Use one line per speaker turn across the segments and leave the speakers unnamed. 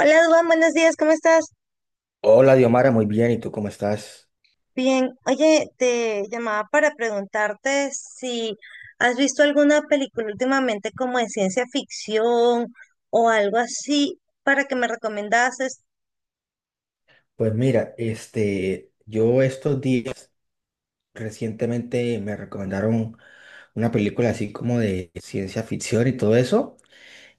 Hola, Duan, buenos días, ¿cómo estás?
Hola, Diomara, muy bien. ¿Y tú cómo estás?
Bien, oye, te llamaba para preguntarte si has visto alguna película últimamente como de ciencia ficción o algo así para que me recomendases.
Pues mira, yo estos días recientemente me recomendaron una película así como de ciencia ficción y todo eso,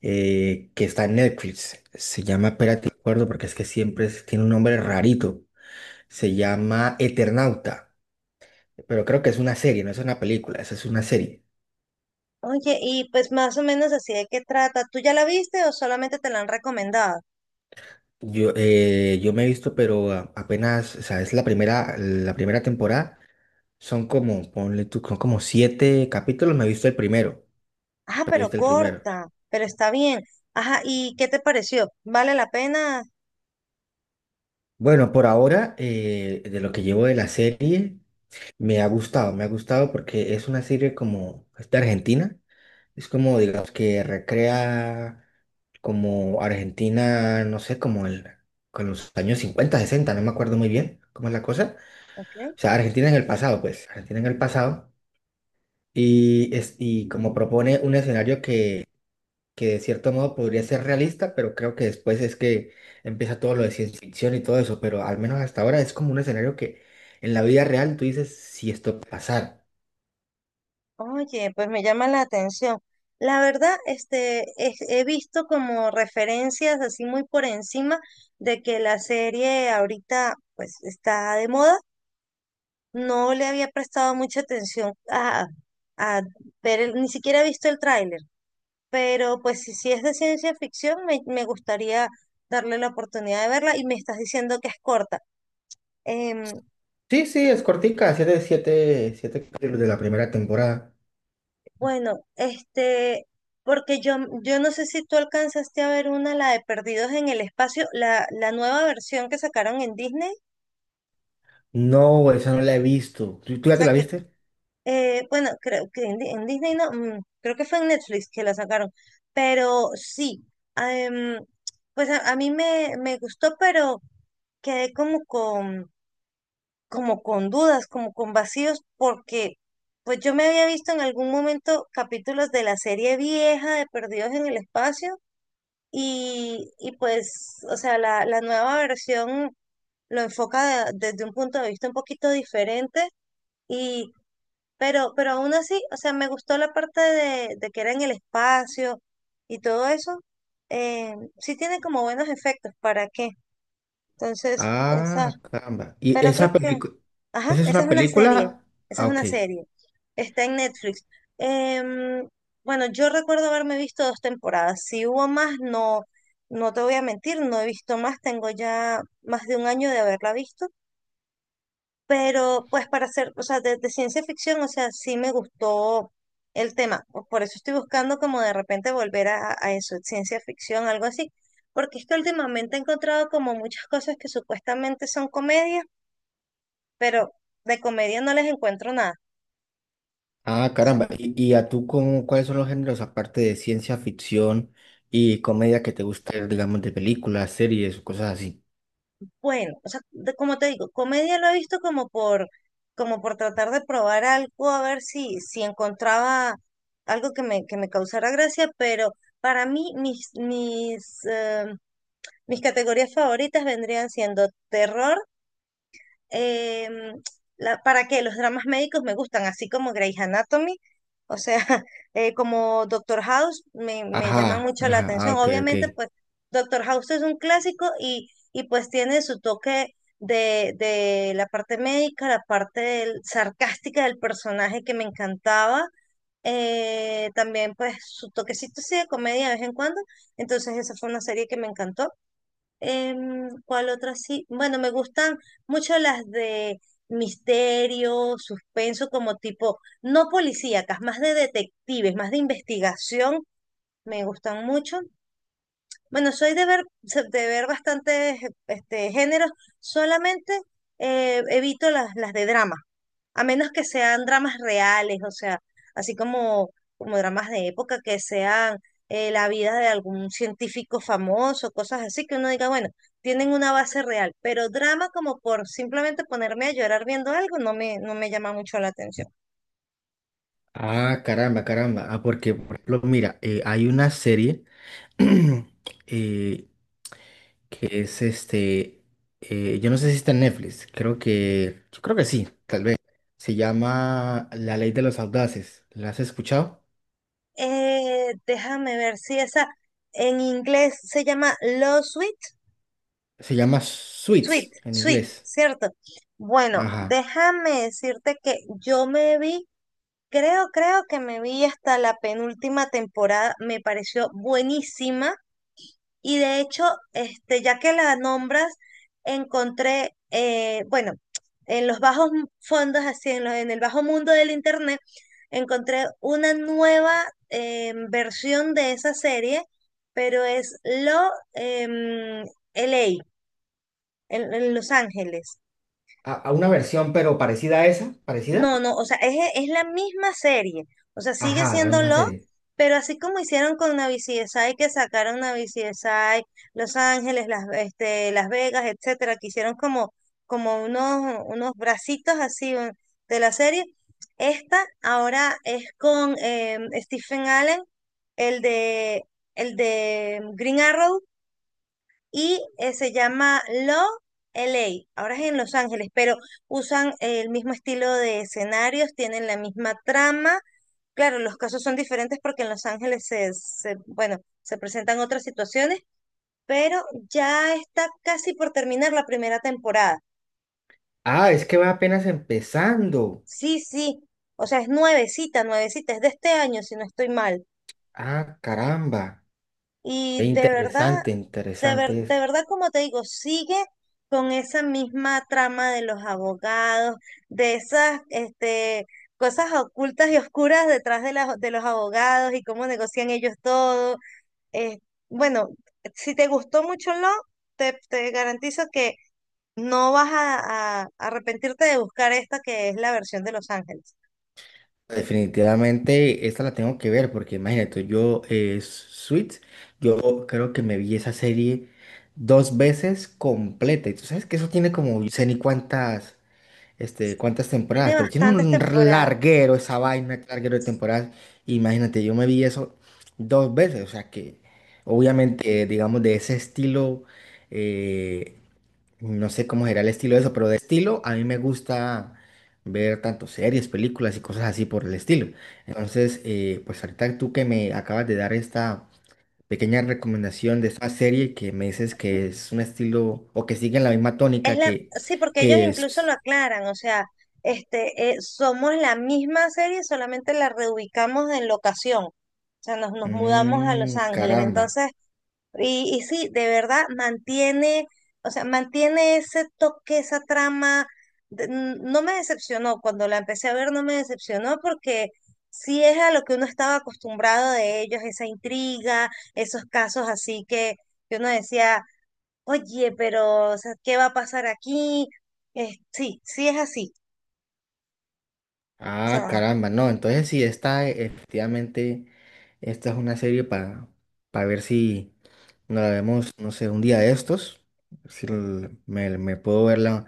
que está en Netflix. Se llama, espérate, no me acuerdo porque es que siempre tiene un nombre rarito. Se llama Eternauta, pero creo que es una serie, no es una película, esa es una serie.
Oye, y pues más o menos así de qué trata. ¿Tú ya la viste o solamente te la han recomendado?
Yo me he visto, pero apenas, o sea, es la primera temporada. Son como, ponle tú, son como siete capítulos,
Ah,
me he
pero
visto el primero.
corta, pero está bien. Ajá, ¿y qué te pareció? ¿Vale la pena?
Bueno, por ahora, de lo que llevo de la serie, me ha gustado porque es una serie como, es de Argentina, es como, digamos, que recrea como Argentina, no sé, como el, con los años 50 60 no me acuerdo muy bien cómo es la cosa.
Ok.
O sea, Argentina en el pasado, pues, Argentina en el pasado. Y, es, y como propone un escenario que de cierto modo podría ser realista, pero creo que después es que empieza todo lo de ciencia ficción y todo eso, pero al menos hasta ahora es como un escenario que en la vida real tú dices si esto puede pasar.
Oye, pues me llama la atención. La verdad, este, he visto como referencias así muy por encima de que la serie ahorita pues está de moda. No le había prestado mucha atención a ver, ni siquiera he visto el tráiler, pero pues si es de ciencia ficción, me gustaría darle la oportunidad de verla y me estás diciendo que es corta. Em,
Sí, sí, es cortica, siete capítulos de la primera temporada.
Bueno, este, porque yo no sé si tú alcanzaste a ver una, la de Perdidos en el Espacio, la nueva versión que sacaron en Disney. O
No, esa no la he visto. Tú ya te
sea
la
que,
viste?
bueno, creo que en, en Disney no, creo que fue en Netflix que la sacaron. Pero sí, ah, em, pues a mí me gustó, pero quedé como con dudas, como con vacíos, porque pues yo me había visto en algún momento capítulos de la serie vieja de Perdidos en el Espacio. Y pues, o sea, la nueva versión lo enfoca desde un punto de vista un poquito diferente, y, pero aún así, o sea, me gustó la parte de que era en el espacio y todo eso. Sí tiene como buenos efectos, ¿para qué? Entonces, esa,
Ah, caramba. ¿Y
pero creo
esa
que
película,
ajá,
esa es
esa
una
es una serie,
película?
esa
Ah,
es
ok.
una serie. Está en Netflix. Em, bueno, yo recuerdo haberme visto dos temporadas. Si hubo más, no, no te voy a mentir, no he visto más. Tengo ya más de un año de haberla visto. Pero pues para hacer, o sea, de ciencia ficción, o sea, sí me gustó el tema. O Por eso estoy buscando como de repente volver a eso, ciencia ficción, algo así. Porque es que últimamente he encontrado como muchas cosas que supuestamente son comedias, pero de comedia no les encuentro nada.
Ah,
Sea,
caramba. Y a tú cómo, cuáles son los géneros aparte de ciencia ficción y comedia que te gusta ver, digamos, de películas, series o cosas así?
bueno, o sea, como te digo, comedia lo he visto como por, como por tratar de probar algo, a ver si encontraba algo que que me causara gracia, pero para mí mis categorías favoritas vendrían siendo terror, eh, ¿para qué? Los dramas médicos me gustan, así como Grey's Anatomy, o sea, como Doctor House, me llama
Ajá,
mucho la
ajá, ah,
atención.
ok, ok.
Obviamente, pues Doctor House es un clásico y pues tiene su toque de la parte médica, la parte sarcástica del personaje que me encantaba. También pues su toquecito así de comedia de vez en cuando. Entonces esa fue una serie que me encantó. ¿Cuál otra sí? Bueno, me gustan mucho las de misterio, suspenso, como tipo, no policíacas, más de detectives, más de investigación, me gustan mucho. Bueno, soy de ver, de ver bastantes este, géneros, solamente evito las de drama, a menos que sean dramas reales, o sea, así como, como dramas de época, que sean la vida de algún científico famoso, cosas así, que uno diga, bueno, tienen una base real, pero drama como por simplemente ponerme a llorar viendo algo no no me llama mucho la atención.
Ah, caramba, caramba. Ah, porque, por ejemplo, mira, hay una serie eh, que es yo no sé si está en Netflix, creo que, yo creo que sí, tal vez. Se llama La Ley de los Audaces. ¿La has escuchado?
Déjame ver si esa en inglés se llama Lost.
Se llama
Sweet,
Suits en
Sweet,
inglés.
¿cierto? Bueno,
Ajá.
déjame decirte que yo me vi, creo, creo que me vi hasta la penúltima temporada, me pareció buenísima y de hecho, este, ya que la nombras, encontré, bueno, en los bajos fondos, así en, en el bajo mundo del internet, encontré una nueva versión de esa serie, pero es Lo em, LA, en Los Ángeles.
A una versión, pero parecida a esa, parecida.
No, no, o sea, es la misma serie. O sea, sigue
Ajá, la
siendo
misma
Love,
serie.
pero así como hicieron con Navi CSI, que sacaron Navi CSI, Los Ángeles, Las, este, Las Vegas, etcétera, que hicieron como, como unos, unos bracitos así de la serie. Esta ahora es con Stephen Allen, el de, el de Green Arrow, y se llama Love L A. Ahora es en Los Ángeles, pero usan el mismo estilo de escenarios, tienen la misma trama. Claro, los casos son diferentes porque en Los Ángeles bueno, se presentan otras situaciones, pero ya está casi por terminar la primera temporada.
Ah, es que va apenas empezando.
Sí, sí. O sea, es nuevecita, nuevecita, es de este año, si no estoy mal.
Ah, caramba.
Y de verdad
Interesante, interesante
de
esto.
verdad, como te digo, sigue con esa misma trama de los abogados, de esas este, cosas ocultas y oscuras detrás de los abogados y cómo negocian ellos todo. Eh, bueno, si te gustó mucho lo te garantizo que no vas a arrepentirte de buscar esta que es la versión de Los Ángeles.
Definitivamente esta la tengo que ver porque imagínate, Suits, yo creo que me vi esa serie dos veces completa. Y tú sabes que eso tiene como, yo sé ni cuántas. Este, cuántas temporadas,
Tiene
pero tiene
bastantes
un
temporadas.
larguero esa vaina, larguero de temporadas. Imagínate, yo me vi eso dos veces, o sea que obviamente, digamos, de ese estilo, eh, no sé cómo será el estilo de eso, pero de estilo a mí me gusta ver tanto series, películas y cosas así por el estilo. Entonces, pues ahorita tú que me acabas de dar esta pequeña recomendación de esta serie que me dices que es un estilo o que sigue la misma
Es
tónica
la, sí, porque ellos
que
incluso lo
es.
aclaran, o sea, somos la misma serie, solamente la reubicamos en locación. O sea, nos, nos mudamos a Los
Mm,
Ángeles.
caramba.
Entonces, y sí, de verdad mantiene, o sea, mantiene ese toque, esa trama. No me decepcionó, cuando la empecé a ver no me decepcionó porque sí es a lo que uno estaba acostumbrado de ellos, esa intriga, esos casos así que uno decía, oye, pero, o sea, ¿qué va a pasar aquí? Sí, sí es así. O
Ah,
sea,
caramba. No, entonces sí, esta efectivamente, esta es una serie para ver si nos la vemos, no sé, un día de estos. Si me, me puedo verla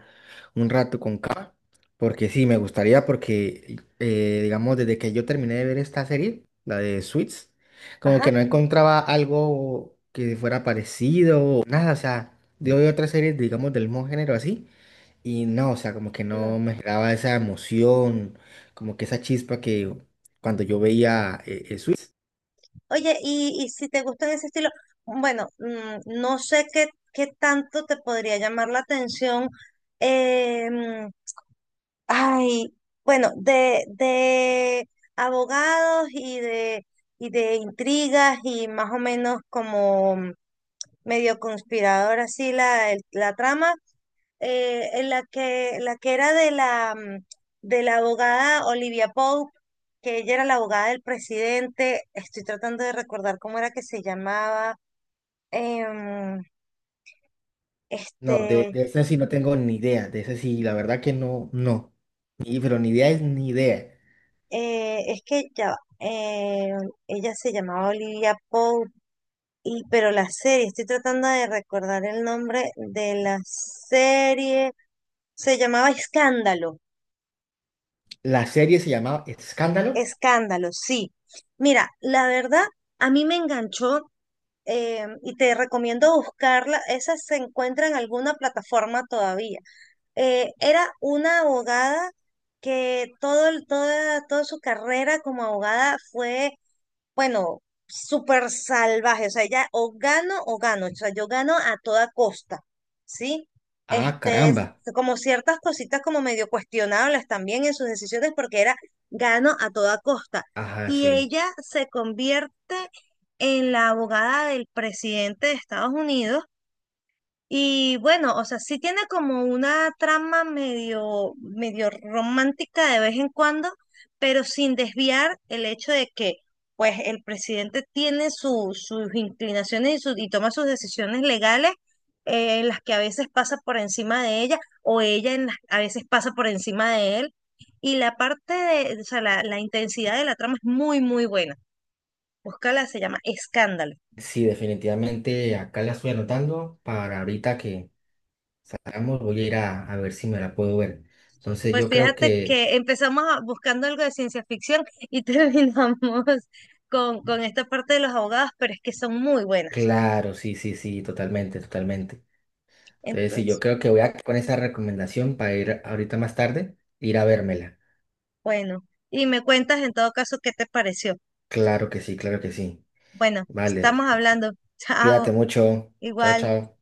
un rato con calma. Porque sí, me gustaría, porque digamos, desde que yo terminé de ver esta serie, la de Suits, como
ajá,
que no encontraba algo que fuera parecido o nada. O sea, yo veo otras series, digamos, del mismo género así. Y no, o sea, como que
no.
no me daba esa emoción, como que esa chispa que cuando yo veía Suits.
Oye, y si te gustan ese estilo, bueno, no sé qué, qué tanto te podría llamar la atención. eh, mm, ay, bueno, de abogados y de intrigas y más o menos como medio conspirador así la trama. En la que era de la, de la abogada Olivia Pope, que ella era la abogada del presidente. Estoy tratando de recordar cómo era que se llamaba. em,
No,
este,
de ese sí no tengo ni idea, de ese sí, la verdad que no, no. Ni, pero ni idea es ni idea.
es que ya, va, ella se llamaba Olivia Pope, pero la serie, estoy tratando de recordar el nombre de la serie. Se llamaba Escándalo.
La serie se llamaba Escándalo.
Escándalo, sí. Mira, la verdad, a mí me enganchó y te recomiendo buscarla. Esa se encuentra en alguna plataforma todavía. Era una abogada que todo, toda, toda su carrera como abogada fue bueno, súper salvaje, o sea, ella o gano o gano, o sea, yo gano a toda costa, ¿sí?
Ah,
Este,
caramba.
como ciertas cositas como medio cuestionables también en sus decisiones porque era gano a toda costa.
Ajá,
Y
sí.
ella se convierte en la abogada del presidente de Estados Unidos y bueno, o sea, sí tiene como una trama medio, medio romántica de vez en cuando, pero sin desviar el hecho de que, pues, el presidente tiene sus inclinaciones y toma sus decisiones legales, en las que a veces pasa por encima de ella, o ella a veces pasa por encima de él. Y la parte de, o sea, la intensidad de la trama es muy, muy buena. Búscala, se llama Escándalo.
Sí, definitivamente acá la estoy anotando para ahorita que salgamos, voy a ir a ver si me la puedo ver. Entonces
Pues
yo creo
fíjate
que,
que empezamos buscando algo de ciencia ficción y terminamos con esta parte de los abogados, pero es que son muy buenas.
claro, sí, sí, sí, totalmente, totalmente. Entonces, sí, yo
Entonces,
creo que voy a quedar con esa recomendación para ir ahorita más tarde, ir a vérmela.
bueno, y me cuentas en todo caso qué te pareció.
Claro que sí, claro que sí.
Bueno,
Vale,
estamos hablando. Chao,
cuídate mucho. Chao,
igual.
chao.